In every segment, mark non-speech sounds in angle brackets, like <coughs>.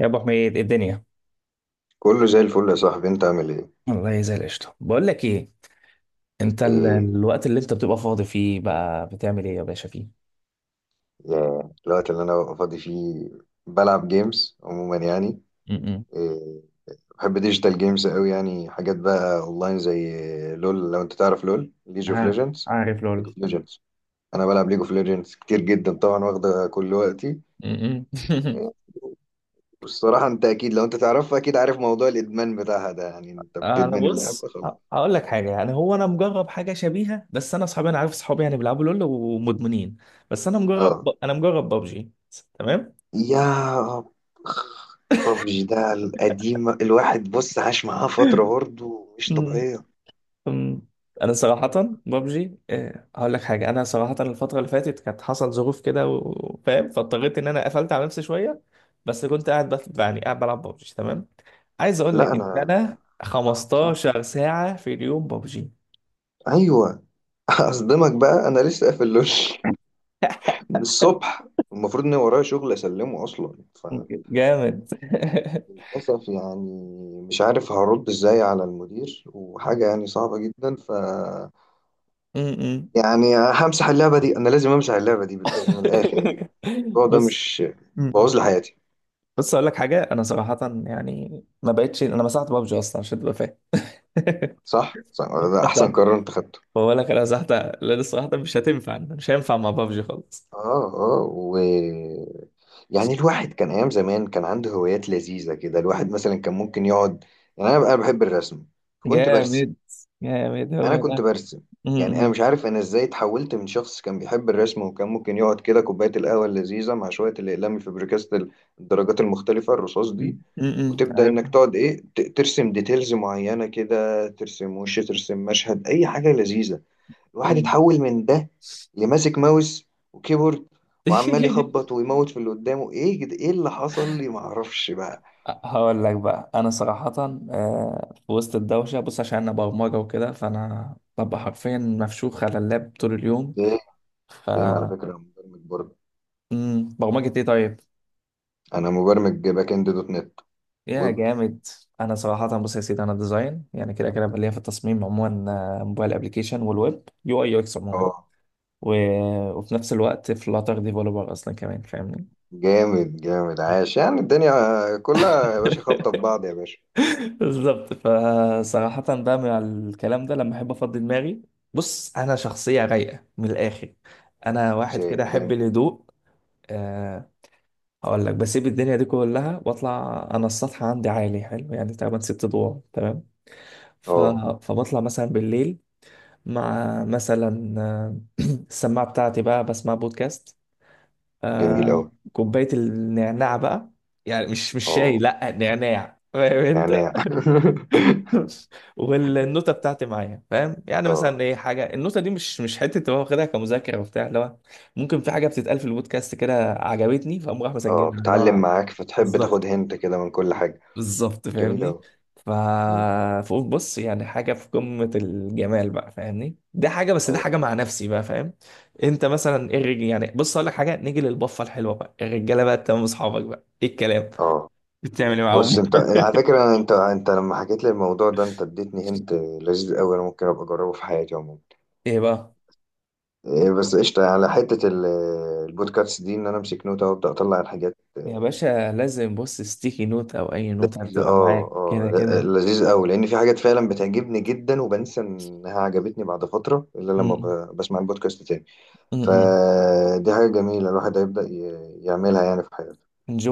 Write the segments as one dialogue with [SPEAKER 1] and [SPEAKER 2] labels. [SPEAKER 1] يا ابو حميد، إيه الدنيا؟
[SPEAKER 2] كله زي الفل يا صاحبي، انت عامل ايه؟
[SPEAKER 1] والله زي القشطه. بقول لك ايه، انت
[SPEAKER 2] ايه؟
[SPEAKER 1] الوقت اللي انت بتبقى فاضي فيه بقى بتعمل ايه يا باشا فيه؟
[SPEAKER 2] يا الوقت اللي انا ببقى فاضي فيه بلعب جيمز عموما يعني.
[SPEAKER 1] م-م.
[SPEAKER 2] إيه، بحب ديجيتال جيمز قوي يعني، حاجات بقى اونلاين زي لول. لو انت تعرف لول، ليج اوف
[SPEAKER 1] ع-
[SPEAKER 2] ليجندز.
[SPEAKER 1] عارف
[SPEAKER 2] ليج
[SPEAKER 1] لول.
[SPEAKER 2] اوف ليجندز، انا بلعب ليج اوف ليجندز كتير جدا طبعا، واخده كل وقتي.
[SPEAKER 1] م-م.
[SPEAKER 2] إيه، والصراحه انت اكيد لو انت تعرفها اكيد عارف موضوع الادمان بتاعها ده، يعني
[SPEAKER 1] <laughs>
[SPEAKER 2] انت
[SPEAKER 1] انا
[SPEAKER 2] بتدمن
[SPEAKER 1] بص،
[SPEAKER 2] اللعبه خلاص.
[SPEAKER 1] اقول لك حاجه، يعني هو انا مجرب حاجه شبيهه، بس انا اصحابي، انا عارف اصحابي يعني بيلعبوا لول ومدمنين، بس انا
[SPEAKER 2] اه،
[SPEAKER 1] مجرب، ببجي.
[SPEAKER 2] يا ببجي ده القديم، الواحد بص عاش معاه فترة برضه مش
[SPEAKER 1] تمام.
[SPEAKER 2] طبيعية.
[SPEAKER 1] أم، انا صراحه ببجي، أه هقول لك حاجه. انا صراحه الفتره اللي فاتت كانت حصل ظروف كده وفاهم، فاضطريت ان انا قفلت على نفسي شويه، بس كنت قاعد يعني قاعد بلعب ببجي. تمام. عايز اقول
[SPEAKER 2] لا
[SPEAKER 1] لك ان
[SPEAKER 2] أنا،
[SPEAKER 1] انا
[SPEAKER 2] صعب صعب.
[SPEAKER 1] 15 ساعه في اليوم ببجي.
[SPEAKER 2] أيوه. <laughs> أصدمك بقى، أنا لسه قافل لول من الصبح. المفروض إن ورايا شغل أسلمه أصلا،
[SPEAKER 1] جامد.
[SPEAKER 2] فللأسف يعني مش عارف هرد إزاي على المدير، وحاجة يعني صعبة جدا. ف
[SPEAKER 1] <laughs> م- م.
[SPEAKER 2] يعني همسح اللعبة دي، أنا لازم أمسح اللعبة دي من الآخر يعني.
[SPEAKER 1] <laughs>
[SPEAKER 2] الموضوع ده
[SPEAKER 1] بص.
[SPEAKER 2] مش
[SPEAKER 1] م- م.
[SPEAKER 2] بوظ لي حياتي؟
[SPEAKER 1] بص، اقول لك حاجه انا صراحه، يعني ما بقتش، انا مسحت ببجي اصلا عشان تبقى فاهم.
[SPEAKER 2] صح. صح ده أحسن
[SPEAKER 1] <laughs>
[SPEAKER 2] قرار أنت خدته.
[SPEAKER 1] بقول لك انا زهقت، لا لسه واحده، مش هتنفع، مش هينفع مع بابجي خالص.
[SPEAKER 2] اه اه. و يعني الواحد كان أيام زمان كان عنده هوايات لذيذة كده، الواحد مثلا كان ممكن يقعد. يعني أنا بقى بحب الرسم، كنت برسم.
[SPEAKER 1] جامد جامد،
[SPEAKER 2] أنا
[SPEAKER 1] هو
[SPEAKER 2] كنت
[SPEAKER 1] ده.
[SPEAKER 2] برسم.
[SPEAKER 1] م-
[SPEAKER 2] يعني أنا
[SPEAKER 1] م-
[SPEAKER 2] مش عارف أنا إزاي اتحولت من شخص كان بيحب الرسم، وكان ممكن يقعد كده كوباية القهوة اللذيذة مع شوية الأقلام الفبريكاست، الدرجات المختلفة الرصاص
[SPEAKER 1] م-
[SPEAKER 2] دي، وتبدأ إنك
[SPEAKER 1] عارفها.
[SPEAKER 2] تقعد إيه ترسم ديتيلز معينة كده، ترسم وش، ترسم مشهد، أي حاجة لذيذة. الواحد
[SPEAKER 1] م.
[SPEAKER 2] اتحول من ده لماسك ماوس وكيبورد، وعمال
[SPEAKER 1] <laughs>
[SPEAKER 2] يخبط ويموت في اللي قدامه. ايه كده؟ ايه اللي حصل لي معرفش بقى.
[SPEAKER 1] هقول لك بقى انا صراحه، في وسط الدوشه بص، عشان انا برمجه وكده، فانا ببقى حرفيا مفشوخ على اللاب طول اليوم.
[SPEAKER 2] ايه.
[SPEAKER 1] ف
[SPEAKER 2] ايه على فكرة انا مبرمج برضه.
[SPEAKER 1] برمجه ايه طيب؟
[SPEAKER 2] انا مبرمج باك اند دوت نت،
[SPEAKER 1] يا
[SPEAKER 2] ويب.
[SPEAKER 1] جامد. انا صراحه بص يا سيدي، انا ديزاين، يعني كده كده بقى ليا في التصميم عموما، موبايل ابلكيشن والويب، يو اي يو اكس عموما،
[SPEAKER 2] اه.
[SPEAKER 1] و... وفي نفس الوقت فلاتر ديفلوبر اصلا كمان، فاهمني؟
[SPEAKER 2] جامد جامد، عاش. يعني الدنيا كلها يا باشا خابطة في
[SPEAKER 1] <laughs>
[SPEAKER 2] بعض يا باشا.
[SPEAKER 1] بالظبط. فصراحة بقى مع الكلام ده لما احب افضي دماغي، بص انا شخصية رايقة من الاخر، انا
[SPEAKER 2] بس
[SPEAKER 1] واحد كده احب
[SPEAKER 2] جامد.
[SPEAKER 1] الهدوء. أه هقول لك، بسيب الدنيا دي كلها واطلع انا السطح، عندي عالي حلو يعني، تقريبا 6 ادوار. تمام. ف...
[SPEAKER 2] اه.
[SPEAKER 1] فبطلع مثلا بالليل مع مثلا السماعة بتاعتي، بقى بسمع بودكاست،
[SPEAKER 2] جميل
[SPEAKER 1] آه،
[SPEAKER 2] اوي.
[SPEAKER 1] كوباية النعناع بقى، يعني مش شاي،
[SPEAKER 2] اه،
[SPEAKER 1] لا نعناع، فاهم انت؟
[SPEAKER 2] نعناع. <laughs>
[SPEAKER 1] <laughs> والنوتة بتاعتي معايا، فاهم؟ يعني مثلا
[SPEAKER 2] اه
[SPEAKER 1] ايه حاجة النوتة دي، مش حتة، تبقى واخدها كمذاكرة وبتاع، اللي هو ممكن في حاجة بتتقال في البودكاست كده عجبتني، فاقوم راح
[SPEAKER 2] اه،
[SPEAKER 1] مسجلها، اللي
[SPEAKER 2] بتعلم
[SPEAKER 1] هو
[SPEAKER 2] معاك فتحب تاخد
[SPEAKER 1] بالظبط.
[SPEAKER 2] هنت كده من كل حاجة.
[SPEAKER 1] بالظبط
[SPEAKER 2] جميل
[SPEAKER 1] فاهمني؟
[SPEAKER 2] اوي.
[SPEAKER 1] ف
[SPEAKER 2] مم.
[SPEAKER 1] فقلت بص، يعني حاجه في قمه الجمال بقى فاهمني، دي حاجه، بس دي
[SPEAKER 2] ايوه.
[SPEAKER 1] حاجه مع نفسي بقى فاهم. انت مثلا ايه يعني بص اقول لك حاجه، نيجي للبفه الحلوه بقى، الرجاله بقى تمام، اصحابك بقى ايه الكلام،
[SPEAKER 2] اه.
[SPEAKER 1] بتعمل ايه
[SPEAKER 2] بص
[SPEAKER 1] معاهم؟
[SPEAKER 2] انت على فكرة، انت، لما حكيت لي الموضوع ده، انت اديتني هنت لذيذ قوي، انا ممكن ابقى اجربه في حياتي عموما.
[SPEAKER 1] <laughs> ايه بقى؟
[SPEAKER 2] بس قشطة على حتة البودكاست دي، ان انا امسك نوتة وابدا اطلع الحاجات
[SPEAKER 1] يا باشا لازم، بص ستيكي نوت او اي نوت
[SPEAKER 2] لذيذة
[SPEAKER 1] هتبقى
[SPEAKER 2] اه
[SPEAKER 1] معاك كده
[SPEAKER 2] اه.
[SPEAKER 1] كده.
[SPEAKER 2] لذيذ قوي، لان في حاجات فعلا بتعجبني جدا، وبنسى انها عجبتني بعد فترة، الا لما
[SPEAKER 1] م-
[SPEAKER 2] بسمع البودكاست تاني.
[SPEAKER 1] م.
[SPEAKER 2] فدي حاجة جميلة، الواحد هيبدأ يعملها يعني في حياته.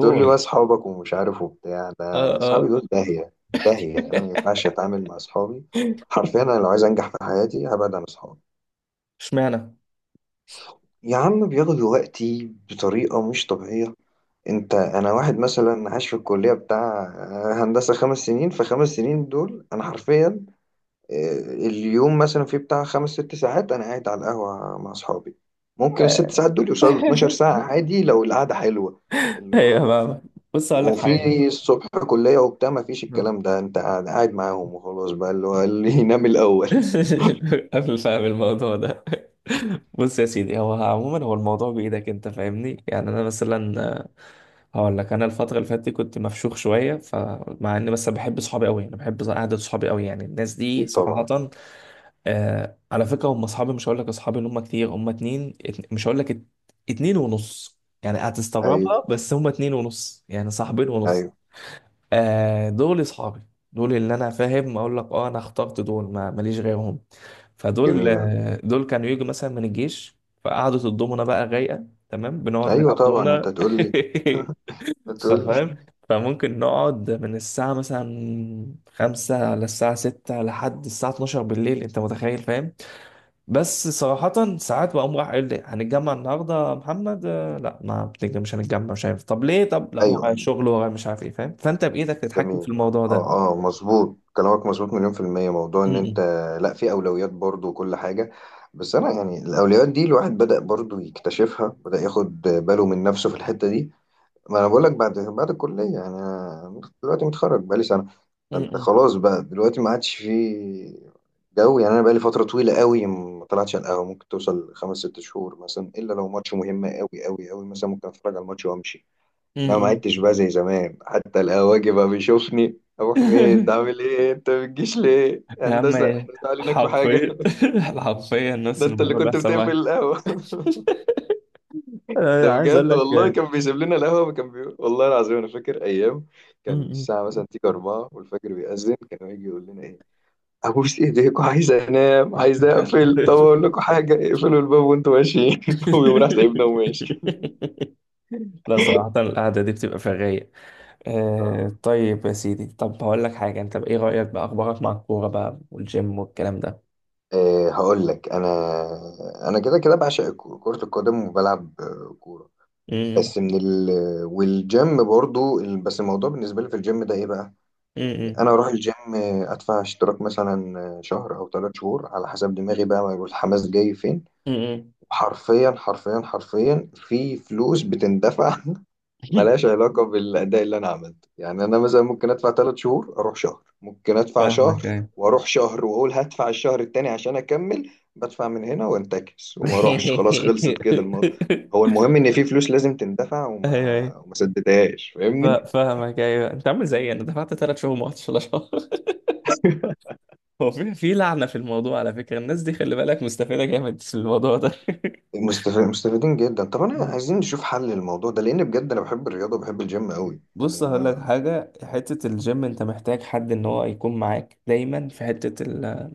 [SPEAKER 2] تقول لي بقى أصحابك ومش عارف وبتاع.
[SPEAKER 1] اه
[SPEAKER 2] ده أصحابي
[SPEAKER 1] اه.
[SPEAKER 2] دول داهية داهية، أنا ما ينفعش أتعامل مع أصحابي. حرفيا أنا لو عايز أنجح في حياتي هبعد عن أصحابي.
[SPEAKER 1] اشمعنى؟
[SPEAKER 2] يا عم بياخدوا وقتي بطريقة مش طبيعية. أنت، أنا واحد مثلا عايش في الكلية بتاع هندسة خمس سنين. في خمس سنين دول أنا حرفيا اليوم مثلا في بتاع خمس ست ساعات انا قاعد على القهوه مع اصحابي. ممكن الست
[SPEAKER 1] آه.
[SPEAKER 2] ساعات دول يوصلوا ل
[SPEAKER 1] <laughs>
[SPEAKER 2] 12 ساعه عادي لو القعده حلوه. اللي
[SPEAKER 1] ايوه
[SPEAKER 2] هو
[SPEAKER 1] بقى، بص اقول لك حاجه.
[SPEAKER 2] وفي الصبح كليه وبتاع، ما فيش الكلام ده، انت قاعد معاهم وخلاص بقى، اللي هو اللي <laughs> ينام الاول.
[SPEAKER 1] <laughs> قبل، فاهم الموضوع ده، بص يا سيدي، هو عموما هو الموضوع بإيدك انت، فاهمني؟ يعني انا مثلا، هقول لك انا الفترة اللي فاتت دي كنت مفشوخ شوية، فمع اني مثلا بحب صحابي قوي، انا بحب قعدة صحابي قوي، يعني الناس دي
[SPEAKER 2] اكيد
[SPEAKER 1] صراحة،
[SPEAKER 2] طبعا.
[SPEAKER 1] آه على فكرة هم اصحابي، مش هقول لك اصحابي اللي هم كتير، هم اتنين مش هقول لك ات- اتنين ونص، يعني
[SPEAKER 2] ايوه
[SPEAKER 1] هتستغربها بس هم اتنين ونص، يعني صاحبين ونص.
[SPEAKER 2] ايوه.
[SPEAKER 1] آه دول اصحابي، دول اللي انا فاهم اقول لك، اه انا اخترت دول، ما ماليش غيرهم. فدول
[SPEAKER 2] جميله.
[SPEAKER 1] دول كانوا يجوا مثلا من الجيش، فقعدة الضمنة بقى رايقة، تمام، بنقعد
[SPEAKER 2] ايوه
[SPEAKER 1] نلعب
[SPEAKER 2] طبعا انت
[SPEAKER 1] ضمنة.
[SPEAKER 2] تقول لي،
[SPEAKER 1] <laughs>
[SPEAKER 2] هتقول لي.
[SPEAKER 1] فاهم؟ فممكن نقعد من الساعة مثلا خمسة على الساعة ستة لحد الساعة 12 بالليل، انت متخيل فاهم؟ بس صراحة ساعات بقوم راح قايل لي هنتجمع النهاردة يا محمد، لا ما بتنجم، مش هنتجمع، مش عارف، طب ليه، طب
[SPEAKER 2] <laughs>
[SPEAKER 1] لا ورايا
[SPEAKER 2] ايوه.
[SPEAKER 1] شغل، ورايا مش عارف ايه، فاهم؟ فانت بإيدك تتحكم في
[SPEAKER 2] جميل اه
[SPEAKER 1] الموضوع ده.
[SPEAKER 2] اه آه، مظبوط كلامك، مظبوط مليون في المية. موضوع ان انت
[SPEAKER 1] م-م.
[SPEAKER 2] لا، في اولويات برضو وكل حاجة. بس انا يعني الاولويات دي الواحد بدأ برضو يكتشفها، بدأ ياخد باله من نفسه في الحتة دي. ما انا بقول لك، بعد الكلية يعني، أنا دلوقتي متخرج بقالي سنة. فانت
[SPEAKER 1] م-م.
[SPEAKER 2] خلاص بقى دلوقتي ما عادش في جو يعني. انا بقالي فترة طويلة قوي ما طلعتش على القهوة، ممكن توصل خمس ست شهور مثلا، الا لو ماتش مهم قوي قوي قوي مثلا ممكن اتفرج على الماتش وامشي. انا ما
[SPEAKER 1] م-م.
[SPEAKER 2] عدتش بقى زي زمان، حتى القواجي بقى بيشوفني: ابو حميد
[SPEAKER 1] <laughs>
[SPEAKER 2] عامل ايه؟ انت ما بتجيش ليه
[SPEAKER 1] يا عم
[SPEAKER 2] هندسه؟
[SPEAKER 1] ايه،
[SPEAKER 2] احنا زعلانينك في حاجه؟
[SPEAKER 1] حرفيا. <laughs> حرفيا
[SPEAKER 2] <laughs> ده
[SPEAKER 1] نفس
[SPEAKER 2] انت اللي
[SPEAKER 1] الموضوع
[SPEAKER 2] كنت
[SPEAKER 1] بيحصل
[SPEAKER 2] بتقفل
[SPEAKER 1] معايا،
[SPEAKER 2] القهوه. <laughs> ده
[SPEAKER 1] عايز اقول
[SPEAKER 2] بجد
[SPEAKER 1] لك،
[SPEAKER 2] والله،
[SPEAKER 1] آه.
[SPEAKER 2] كان بيسيب لنا القهوه، كان بي... والله العظيم انا فاكر ايام كان
[SPEAKER 1] م-م.
[SPEAKER 2] الساعه مثلا تيجي 4 والفجر بيأذن، كان يجي يقول لنا ايه: ابوس ايديكوا عايز انام، عايز اقفل، طب اقول لكم حاجه، اقفلوا الباب وانتوا ماشيين. <laughs> ويقوم راح سايبنا وماشي.
[SPEAKER 1] <laughs> لا صراحة القعدة دي بتبقى في الرايق. آه، طيب يا سيدي، طب هقول لك حاجة، انت بإيه رأيك بأخبارك مع الكورة بقى والجيم والكلام ده؟
[SPEAKER 2] أه هقول لك، انا انا كده كده بعشق كرة القدم، وبلعب آه، كورة.
[SPEAKER 1] امم
[SPEAKER 2] بس من ال والجيم برضو بس الموضوع بالنسبة لي في الجيم ده ايه بقى؟ يعني
[SPEAKER 1] امم
[SPEAKER 2] انا اروح الجيم آه، ادفع اشتراك مثلا آه، شهر او ثلاث شهور على حسب دماغي بقى، ما يقول الحماس جاي فين.
[SPEAKER 1] امم
[SPEAKER 2] حرفيا حرفيا حرفيا في فلوس بتندفع. <laughs>
[SPEAKER 1] <laughs>
[SPEAKER 2] ملهاش علاقة بالأداء اللي أنا عملته. يعني أنا مثلا ممكن أدفع ثلاث شهور أروح شهر، ممكن أدفع
[SPEAKER 1] فاهمك،
[SPEAKER 2] شهر
[SPEAKER 1] ايوه.
[SPEAKER 2] وأروح شهر وأقول هدفع الشهر التاني عشان أكمل، بدفع من هنا وأنتكس وما أروحش، خلاص
[SPEAKER 1] <laughs>
[SPEAKER 2] خلصت كده الموضوع. هو المهم إن في فلوس لازم تندفع،
[SPEAKER 1] ايوه ايوه،
[SPEAKER 2] وما سددهاش فاهمني.
[SPEAKER 1] فاهمك، ايوه، انت عامل زيي، انا دفعت 3 شهور، ما رحتش ولا شهر. <laughs>
[SPEAKER 2] <laughs>
[SPEAKER 1] هو في لعنة في الموضوع على فكرة، الناس دي خلي بالك مستفيدة جامد في الموضوع ده. <laughs>
[SPEAKER 2] مستفيدين جدا. طب أنا عايزين نشوف حل للموضوع ده، لأن بجد أنا بحب الرياضة وبحب الجيم قوي
[SPEAKER 1] بص
[SPEAKER 2] يعني
[SPEAKER 1] هقول لك
[SPEAKER 2] أنا.
[SPEAKER 1] حاجة، حتة الجيم انت محتاج حد ان هو يكون معاك دايما في حتة ال،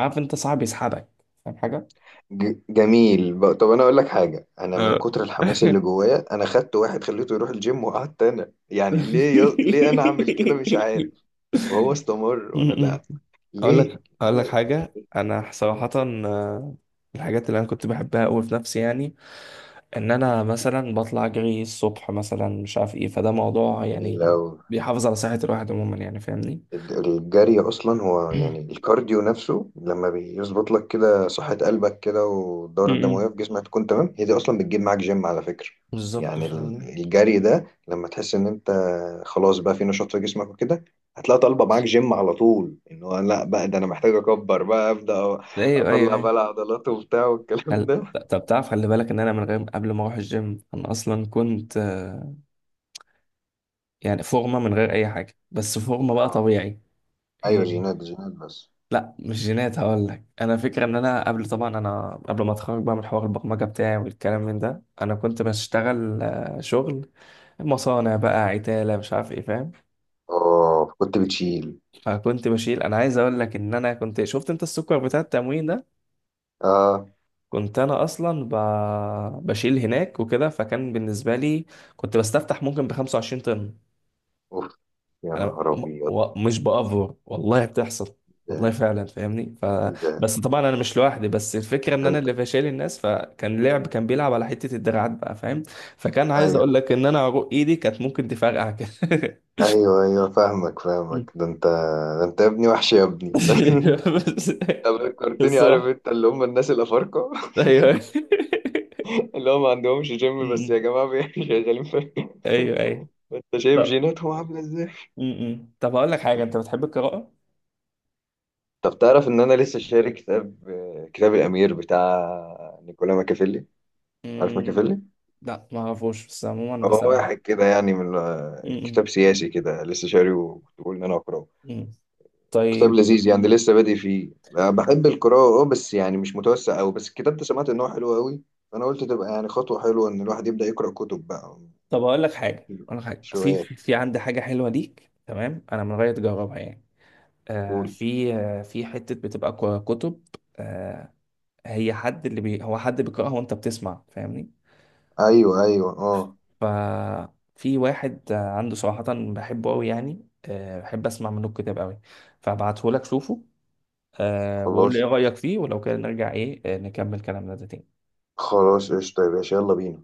[SPEAKER 1] عارف، انت صعب يسحبك، فاهم حاجة؟
[SPEAKER 2] جميل. طب انا اقول لك حاجه، انا من
[SPEAKER 1] آه.
[SPEAKER 2] كتر الحماس اللي
[SPEAKER 1] <laughs>
[SPEAKER 2] جوايا انا خدت واحد خليته يروح الجيم، وقعدت انا. يعني ليه ي... ليه انا اعمل كده مش عارف؟ وهو استمر وانا
[SPEAKER 1] م- م.
[SPEAKER 2] لا.
[SPEAKER 1] اقول
[SPEAKER 2] ليه؟
[SPEAKER 1] لك، اقول لك
[SPEAKER 2] انا
[SPEAKER 1] حاجه انا صراحه الحاجات اللي انا كنت بحبها قوي في نفسي، يعني ان انا مثلا بطلع اجري الصبح مثلا، مش عارف ايه، فده موضوع
[SPEAKER 2] جميل
[SPEAKER 1] يعني
[SPEAKER 2] أوي.
[SPEAKER 1] بيحافظ على صحه الواحد عموما يعني، فاهمني؟
[SPEAKER 2] الجري اصلا هو
[SPEAKER 1] <coughs>
[SPEAKER 2] يعني
[SPEAKER 1] <clears throat>
[SPEAKER 2] الكارديو نفسه، لما بيظبط لك كده صحة قلبك كده،
[SPEAKER 1] م-
[SPEAKER 2] والدورة
[SPEAKER 1] م.
[SPEAKER 2] الدموية في جسمك تكون تمام، هي دي اصلا بتجيب معاك جيم على فكرة.
[SPEAKER 1] بالظبط
[SPEAKER 2] يعني
[SPEAKER 1] فاهمني.
[SPEAKER 2] الجري ده لما تحس ان انت خلاص بقى في نشاط في جسمك وكده، هتلاقي طالبه معاك جيم على طول، ان هو لا بقى ده انا محتاج اكبر بقى ابدا،
[SPEAKER 1] ايوه ايوه
[SPEAKER 2] اطلع بقى
[SPEAKER 1] ايوه.
[SPEAKER 2] العضلات وبتاع والكلام
[SPEAKER 1] خل...
[SPEAKER 2] ده.
[SPEAKER 1] طب تعرف، خلي بالك ان انا من غير، قبل ما اروح الجيم، انا اصلا كنت يعني فورمه من غير اي حاجه، بس فورمه بقى
[SPEAKER 2] اه،
[SPEAKER 1] طبيعي.
[SPEAKER 2] ايوه جينات، جينات. بس
[SPEAKER 1] لا مش جينات، هقول لك انا فكره، ان انا قبل، طبعا انا قبل ما اتخرج بقى من حوار البرمجه بتاعي والكلام من ده، انا كنت بشتغل شغل مصانع بقى، عتاله، مش عارف ايه، فاهم؟
[SPEAKER 2] اه كنت بتشيل.
[SPEAKER 1] فكنت بشيل، انا عايز اقول لك ان انا كنت شفت انت السكر بتاع التموين ده،
[SPEAKER 2] اه.
[SPEAKER 1] كنت انا اصلا بشيل هناك وكده، فكان بالنسبه لي، كنت بستفتح ممكن ب 25 طن.
[SPEAKER 2] اوف، يا
[SPEAKER 1] انا
[SPEAKER 2] نهار ابيض.
[SPEAKER 1] مش بافور، والله بتحصل، والله
[SPEAKER 2] ده
[SPEAKER 1] فعلا، فاهمني؟
[SPEAKER 2] ايه ده؟
[SPEAKER 1] بس طبعا انا مش لوحدي، بس الفكره ان
[SPEAKER 2] ده
[SPEAKER 1] انا
[SPEAKER 2] انت،
[SPEAKER 1] اللي فشال الناس، فكان لعب، كان بيلعب على حته الدراعات بقى فاهم؟ فكان عايز اقول
[SPEAKER 2] ايوه
[SPEAKER 1] لك ان انا عروق ايدي كانت ممكن تفرقع كده.
[SPEAKER 2] ايوه ايوه فاهمك فاهمك. ده انت، ده انت يا ابني وحش يا ابني. <laughs> ده
[SPEAKER 1] <laughs>
[SPEAKER 2] انت
[SPEAKER 1] بس
[SPEAKER 2] فكرتني عارف
[SPEAKER 1] الصراحه،
[SPEAKER 2] انت اللي هم الناس الافارقه.
[SPEAKER 1] ايوه.
[SPEAKER 2] <laughs> اللي هم ما عندهمش جيم، بس يا
[SPEAKER 1] م-م.
[SPEAKER 2] جماعه <laughs> شغالين في.
[SPEAKER 1] ايوه ايوه.
[SPEAKER 2] انت شايف
[SPEAKER 1] طب.
[SPEAKER 2] جيناتهم عامله ازاي.
[SPEAKER 1] م-م. طب اقول لك حاجه، انت بتحب القراءه؟
[SPEAKER 2] طب تعرف ان انا لسه شاري كتاب؟ كتاب الامير بتاع نيكولا ماكافيلي. عارف
[SPEAKER 1] م،
[SPEAKER 2] ماكافيلي؟
[SPEAKER 1] لا ما اعرفوش، بس عموما، بس
[SPEAKER 2] هو
[SPEAKER 1] انا.
[SPEAKER 2] واحد كده يعني من،
[SPEAKER 1] م-م.
[SPEAKER 2] كتاب سياسي كده، لسه شاريه وكنت بقول ان انا اقراه.
[SPEAKER 1] م.
[SPEAKER 2] كتاب
[SPEAKER 1] طيب.
[SPEAKER 2] لذيذ يعني لسه بادئ فيه. آه، بحب القراءة اه، بس يعني مش متوسع أوي، بس الكتاب ده سمعت إن هو حلو أوي، فأنا قلت تبقى يعني خطوة حلوة إن الواحد يبدأ يقرأ كتب بقى.
[SPEAKER 1] طب اقول لك حاجه،
[SPEAKER 2] مش
[SPEAKER 1] في
[SPEAKER 2] روايات؟
[SPEAKER 1] عندي حاجه حلوه ليك، تمام، انا من غير تجربها يعني، آه
[SPEAKER 2] قول.
[SPEAKER 1] في، آه في حته بتبقى كتب، آه، هي حد اللي بي هو حد بيقراها وانت بتسمع فاهمني؟
[SPEAKER 2] أيوه أيوه اه.
[SPEAKER 1] ففي واحد عنده صراحه، بحبه قوي يعني، آه بحب اسمع منه الكتاب قوي، فابعته لك شوفه، آه، وقول
[SPEAKER 2] خلاص،
[SPEAKER 1] لي ايه رايك فيه، ولو كده نرجع ايه، نكمل كلامنا ده تاني.
[SPEAKER 2] خلاص قشطة يا باشا، يلا بينا.